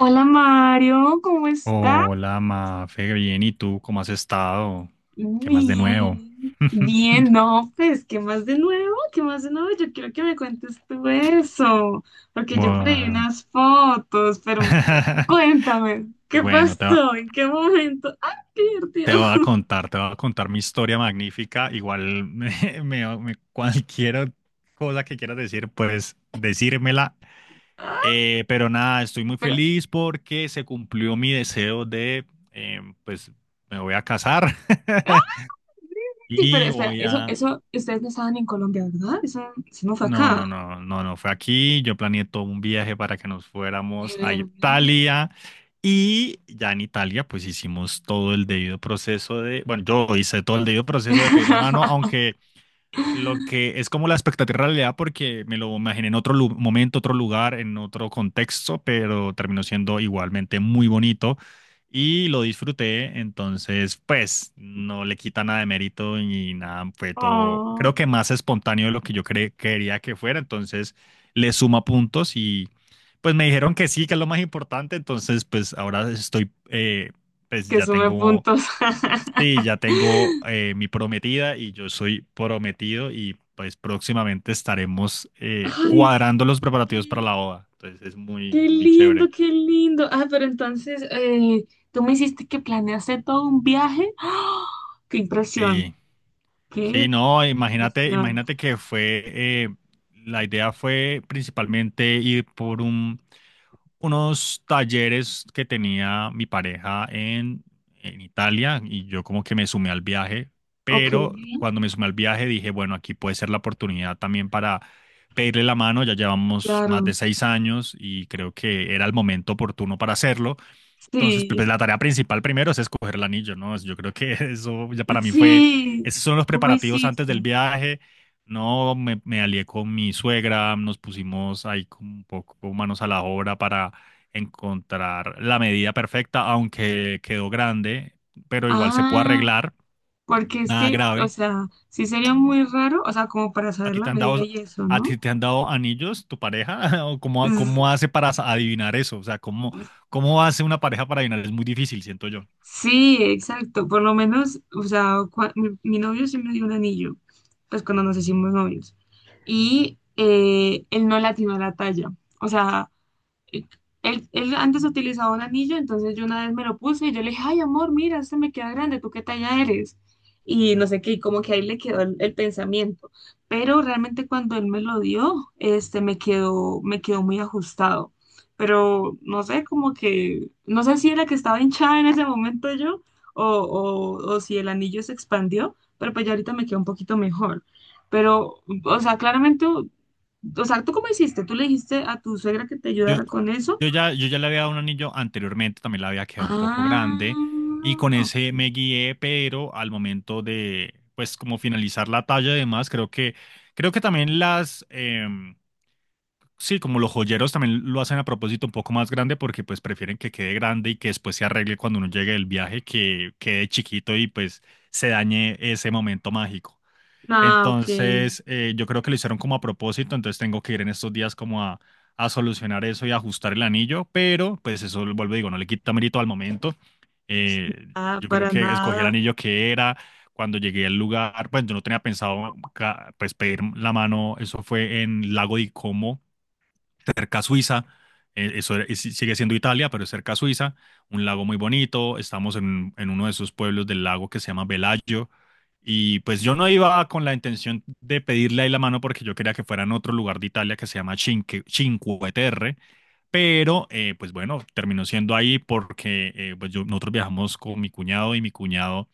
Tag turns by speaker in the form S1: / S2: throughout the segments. S1: Hola Mario, ¿cómo está?
S2: Hola, Mafe, bien, ¿y tú cómo has estado? ¿Qué más de nuevo?
S1: Bien, bien, no, pues, ¿qué más de nuevo? ¿Qué más de nuevo? Yo quiero que me cuentes tú eso, porque yo por ahí vi
S2: Buah.
S1: unas fotos, pero cuéntame, ¿qué
S2: Bueno,
S1: pasó? ¿En qué momento? ¡Ay, qué
S2: te
S1: divertido!
S2: voy a contar, te voy a contar mi historia magnífica. Igual cualquier cosa que quieras decir, pues decírmela.
S1: ¡Ah!
S2: Pero nada, estoy muy
S1: Pero,
S2: feliz porque se cumplió mi deseo de, pues me voy a casar
S1: ¡ah! Sí, pero
S2: y
S1: espera,
S2: voy
S1: eso,
S2: a,
S1: eso, ustedes no estaban en Colombia, ¿verdad? Eso no fue
S2: No,
S1: acá.
S2: no, no, no, no fue aquí. Yo planeé todo un viaje para que nos
S1: De
S2: fuéramos a
S1: verdad.
S2: Italia y ya en Italia pues hicimos todo el debido proceso de, bueno, yo hice todo el debido proceso de pedir la mano, aunque lo que es como la expectativa realidad porque me lo imaginé en otro momento, otro lugar, en otro contexto, pero terminó siendo igualmente muy bonito y lo disfruté, entonces pues no le quita nada de mérito ni nada, fue todo, creo
S1: Oh,
S2: que más espontáneo de lo que quería que fuera, entonces le suma puntos y pues me dijeron que sí, que es lo más importante, entonces pues ahora estoy pues
S1: que
S2: ya
S1: sume
S2: tengo,
S1: puntos.
S2: sí, ya tengo mi prometida y yo soy prometido y pues próximamente estaremos
S1: Ay, qué,
S2: cuadrando los preparativos para la boda. Entonces es muy,
S1: qué
S2: muy chévere.
S1: lindo, qué lindo. Ah, pero entonces, tú me hiciste que planeaste todo un viaje. ¡Ah! ¡Qué impresión!
S2: Y sí,
S1: ¡Qué
S2: no, imagínate,
S1: impresión!
S2: imagínate que fue, eh, la idea fue principalmente ir por un, unos talleres que tenía mi pareja en Italia y yo como que me sumé al viaje,
S1: Ok,
S2: pero cuando me sumé al viaje dije, bueno, aquí puede ser la oportunidad también para pedirle la mano, ya llevamos más
S1: claro.
S2: de seis años y creo que era el momento oportuno para hacerlo. Entonces, pues,
S1: Sí,
S2: la tarea principal primero es escoger el anillo, ¿no? Yo creo que eso ya para mí fue,
S1: sí.
S2: esos son los
S1: ¿Cómo
S2: preparativos antes del
S1: hiciste?
S2: viaje. No, me alié con mi suegra, nos pusimos ahí como un poco manos a la obra para encontrar la medida perfecta, aunque quedó grande, pero igual se puede
S1: Ah,
S2: arreglar,
S1: porque es
S2: nada
S1: que, o
S2: grave.
S1: sea, sí sería muy raro, o sea, como para
S2: ¿A
S1: saber
S2: ti
S1: la
S2: te han
S1: medida
S2: dado,
S1: y eso,
S2: a
S1: ¿no?
S2: ti te han dado anillos, tu pareja? ¿O cómo, cómo hace para adivinar eso? O sea, ¿cómo,
S1: Es-
S2: cómo hace una pareja para adivinar? Es muy difícil, siento yo.
S1: Sí, exacto. Por lo menos, o sea, mi novio sí me dio un anillo, pues cuando nos hicimos novios. Y él no le atinó a la talla. O sea, eh, él antes utilizaba un anillo, entonces yo una vez me lo puse y yo le dije, ay, amor, mira, este me queda grande, ¿tú qué talla eres? Y no sé qué, y como que ahí le quedó el pensamiento. Pero realmente cuando él me lo dio, este, me quedó muy ajustado. Pero no sé, como que, no sé si era que estaba hinchada en ese momento yo, o si el anillo se expandió, pero pues ya ahorita me queda un poquito mejor. Pero, o sea, claramente, o sea, ¿tú cómo hiciste? ¿Tú le dijiste a tu suegra que te
S2: Yo,
S1: ayudara con eso?
S2: yo ya le había dado un anillo anteriormente, también le había quedado un poco grande
S1: Ah,
S2: y con
S1: ok.
S2: ese me guié, pero al momento de, pues, como finalizar la talla y demás, creo que también sí, como los joyeros también lo hacen a propósito un poco más grande porque, pues, prefieren que quede grande y que después se arregle cuando uno llegue del viaje, que quede chiquito y, pues, se dañe ese momento mágico.
S1: Ah, ok.
S2: Entonces, yo creo que lo hicieron como a propósito, entonces tengo que ir en estos días como a solucionar eso y ajustar el anillo, pero pues eso, vuelvo y digo, no le quita mérito al momento.
S1: Pues
S2: Eh,
S1: nada,
S2: yo creo
S1: para
S2: que escogí el
S1: nada.
S2: anillo que era. Cuando llegué al lugar, pues yo no tenía pensado pues, pedir la mano, eso fue en Lago de Como cerca a Suiza, sí, sigue siendo Italia, pero es cerca a Suiza, un lago muy bonito, estamos en uno de esos pueblos del lago que se llama Velayo, y pues yo no iba con la intención de pedirle ahí la mano porque yo quería que fuera en otro lugar de Italia que se llama Cinque Terre, pero pues bueno, terminó siendo ahí porque pues nosotros viajamos con mi cuñado y mi cuñado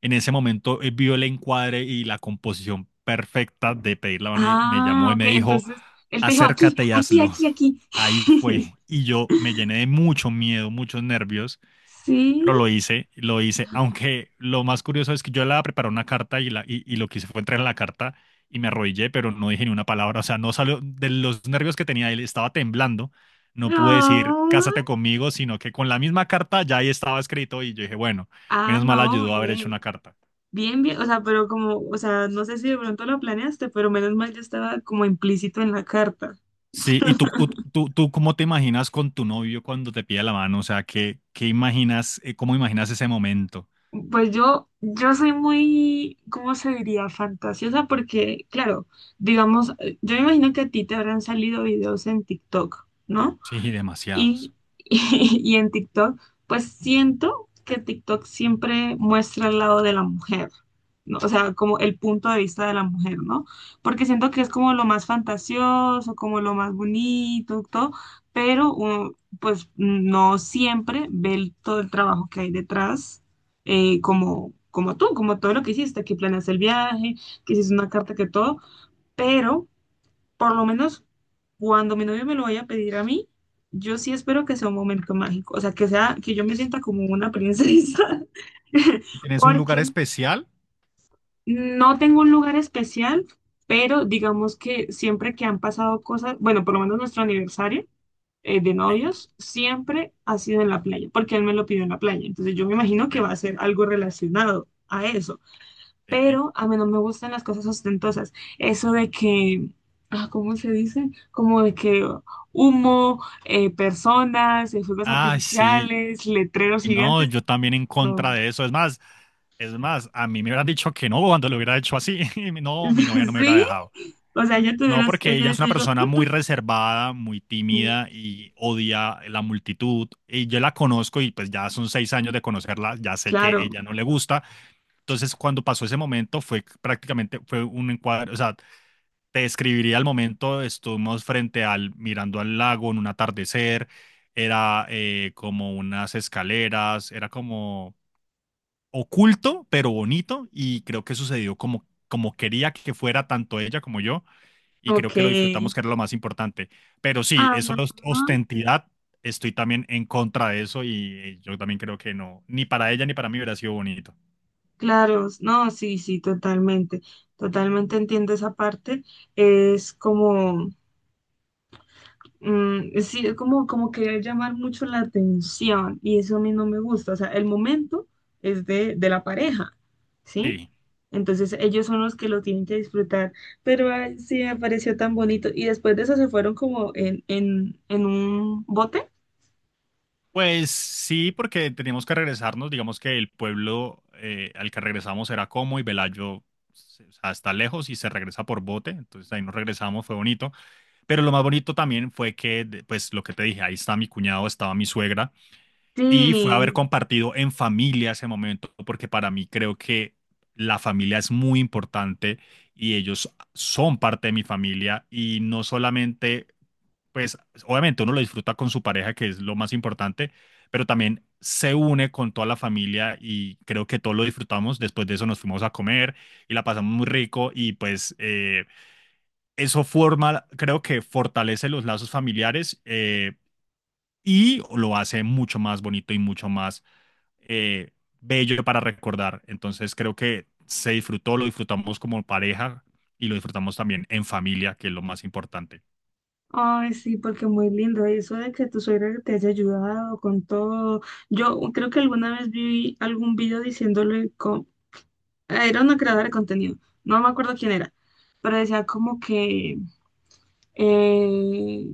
S2: en ese momento vio el encuadre y la composición perfecta de pedir la mano y me llamó
S1: Ah,
S2: y
S1: ok.
S2: me dijo,
S1: Entonces, él te dijo aquí,
S2: acércate y
S1: aquí,
S2: hazlo
S1: aquí, aquí.
S2: ahí fue. Y yo me llené de mucho miedo, muchos nervios,
S1: Sí.
S2: pero lo hice, lo hice. Aunque lo más curioso es que yo la preparé una carta y lo que hice fue entrar en la carta y me arrodillé, pero no dije ni una palabra. O sea, no salió de los nervios que tenía, él estaba temblando. No pude decir,
S1: No.
S2: cásate conmigo, sino que con la misma carta ya ahí estaba escrito y yo dije, bueno,
S1: Ah,
S2: menos mal
S1: no,
S2: ayudó a haber hecho una
S1: bien.
S2: carta.
S1: Bien, bien. O sea, pero como, o sea, no sé si de pronto lo planeaste, pero menos mal ya estaba como implícito en la carta.
S2: Sí, ¿y tú cómo te imaginas con tu novio cuando te pide la mano? O sea, ¿qué, qué imaginas, cómo imaginas ese momento?
S1: Pues yo soy muy, ¿cómo se diría? Fantasiosa porque, claro, digamos, yo me imagino que a ti te habrán salido videos en TikTok, ¿no?
S2: Sí, demasiados.
S1: Y y en TikTok, pues siento que TikTok siempre muestra el lado de la mujer, ¿no? O sea, como el punto de vista de la mujer, ¿no? Porque siento que es como lo más fantasioso, como lo más bonito, todo, pero uno, pues no siempre ve todo el trabajo que hay detrás, como, como tú, como todo lo que hiciste, que planeaste el viaje, que hiciste una carta, que todo, pero... Por lo menos cuando mi novio me lo vaya a pedir a mí, yo sí espero que sea un momento mágico, o sea, que yo me sienta como una princesa,
S2: ¿Y tienes un lugar
S1: porque
S2: especial?
S1: no tengo un lugar especial, pero digamos que siempre que han pasado cosas, bueno, por lo menos nuestro aniversario de
S2: Sí,
S1: novios, siempre ha sido en la playa, porque él me lo pidió en la playa, entonces yo me imagino que
S2: sí,
S1: va a ser algo relacionado a eso.
S2: sí.
S1: Pero a mí no me gustan las cosas ostentosas. Eso de que, ah, ¿cómo se dice? Como de que humo, personas, fuegos
S2: Ah, sí.
S1: artificiales, letreros
S2: No,
S1: gigantes,
S2: yo también en contra
S1: no.
S2: de eso. Es más, a mí me hubieran dicho que no cuando lo hubiera hecho así. No, mi novia no me hubiera
S1: Sí,
S2: dejado.
S1: o sea,
S2: No, porque ella
S1: ella
S2: es
S1: te
S2: una
S1: dijo,
S2: persona muy reservada, muy
S1: "Mm,
S2: tímida y odia la multitud. Y yo la conozco y pues ya son seis años de conocerla, ya sé que
S1: claro,
S2: ella no le gusta. Entonces, cuando pasó ese momento fue prácticamente, fue un encuadre, o sea, te describiría el momento, estuvimos frente al, mirando al lago en un atardecer, era como unas escaleras, era como oculto, pero bonito, y creo que sucedió como, como quería que fuera tanto ella como yo, y creo que lo disfrutamos,
S1: ok,
S2: que era lo más importante. Pero sí, eso
S1: ah,
S2: es ostentidad, estoy también en contra de eso, y yo también creo que no, ni para ella ni para mí hubiera sido bonito.
S1: claro, no, sí, sí, totalmente, totalmente entiendo esa parte, es como... Mm, sí, es como, como querer llamar mucho la atención y eso a mí no me gusta. O sea, el momento es de la pareja, ¿sí?
S2: Sí.
S1: Entonces ellos son los que lo tienen que disfrutar. Pero ay, sí, me pareció tan bonito. Y después de eso se fueron como en un bote.
S2: Pues sí, porque teníamos que regresarnos. Digamos que el pueblo al que regresamos era Como y Velayo, o sea, está lejos y se regresa por bote. Entonces ahí nos regresamos, fue bonito. Pero lo más bonito también fue que, pues lo que te dije, ahí está mi cuñado, estaba mi suegra y fue haber
S1: Sí,
S2: compartido en familia ese momento, porque para mí creo que la familia es muy importante y ellos son parte de mi familia y no solamente pues obviamente uno lo disfruta con su pareja, que es lo más importante, pero también se une con toda la familia y creo que todos lo disfrutamos. Después de eso nos fuimos a comer y la pasamos muy rico y pues eso forma, creo que fortalece los lazos familiares y lo hace mucho más bonito y mucho más eh, bello para recordar. Entonces creo que se disfrutó, lo disfrutamos como pareja y lo disfrutamos también en familia, que es lo más importante.
S1: ay, sí, porque muy lindo. Eso de que tu suegra te haya ayudado con todo. Yo creo que alguna vez vi algún video diciéndole era una creadora de contenido, no me acuerdo quién era, pero decía como que eh,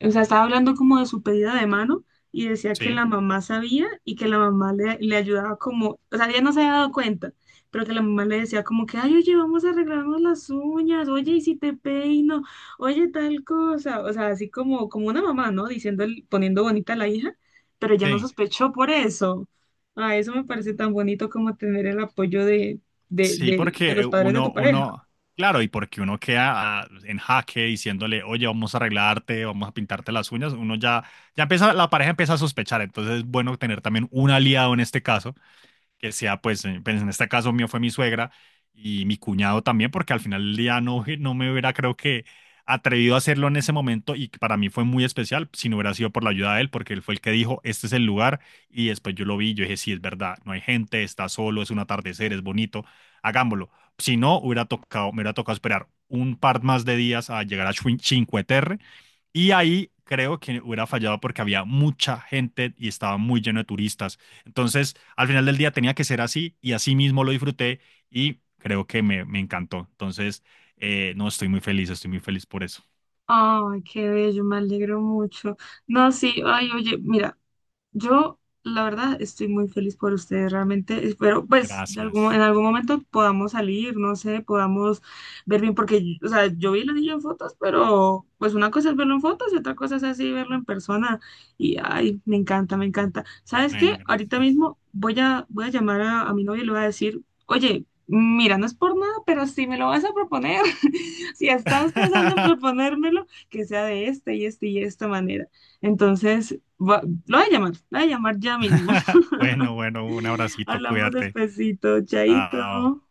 S1: o sea, estaba hablando como de su pedida de mano y decía que
S2: Sí,
S1: la mamá sabía y que la mamá le ayudaba como, o sea, ella no se había dado cuenta, pero que la mamá le decía como que, ay, oye, vamos a arreglarnos las uñas, oye, y si te peino, oye, tal cosa, o sea, así como, como una mamá, ¿no? Diciendo, poniendo bonita a la hija, pero ella no
S2: sí.
S1: sospechó por eso. Ah, eso me parece tan bonito como tener el apoyo de, de,
S2: Sí,
S1: de, de
S2: porque
S1: los padres de tu pareja.
S2: uno, claro, y porque uno queda ah, en jaque diciéndole, oye, vamos a arreglarte, vamos a pintarte las uñas, ya empieza, la pareja empieza a sospechar, entonces es bueno tener también un aliado en este caso que sea, pues, en este caso mío fue mi suegra y mi cuñado también, porque al final del día no, no me hubiera, atrevido a hacerlo en ese momento y que para mí fue muy especial si no hubiera sido por la ayuda de él, porque él fue el que dijo, este es el lugar y después yo lo vi, y yo dije, sí, es verdad, no hay gente, está solo, es un atardecer, es bonito, hagámoslo. Si no, hubiera tocado, me hubiera tocado esperar un par más de días a llegar a Cinque Terre y ahí creo que hubiera fallado porque había mucha gente y estaba muy lleno de turistas. Entonces, al final del día tenía que ser así y así mismo lo disfruté y creo que me encantó. Entonces, no, estoy muy feliz por eso.
S1: Ay, qué bello, me alegro mucho. No, sí, ay, oye, mira. Yo, la verdad, estoy muy feliz por ustedes. Realmente espero, pues, de algún, en
S2: Gracias.
S1: algún momento podamos salir, no sé, podamos ver bien, porque, o sea, yo vi el anillo en fotos, pero, pues, una cosa es verlo en fotos y otra cosa es así verlo en persona. Y, ay, me encanta, me encanta. ¿Sabes
S2: Bueno,
S1: qué? Ahorita
S2: gracias.
S1: mismo voy a llamar a mi novio y le voy a decir, oye, mira, no es por nada, pero si me lo vas a proponer, si estás pensando en proponérmelo, que sea de esta y esta y esta manera. Entonces, lo voy a llamar, lo voy a llamar ya mismo.
S2: Bueno, bueno, un abracito,
S1: Hablamos
S2: cuídate.
S1: despacito,
S2: Chao.
S1: chaito.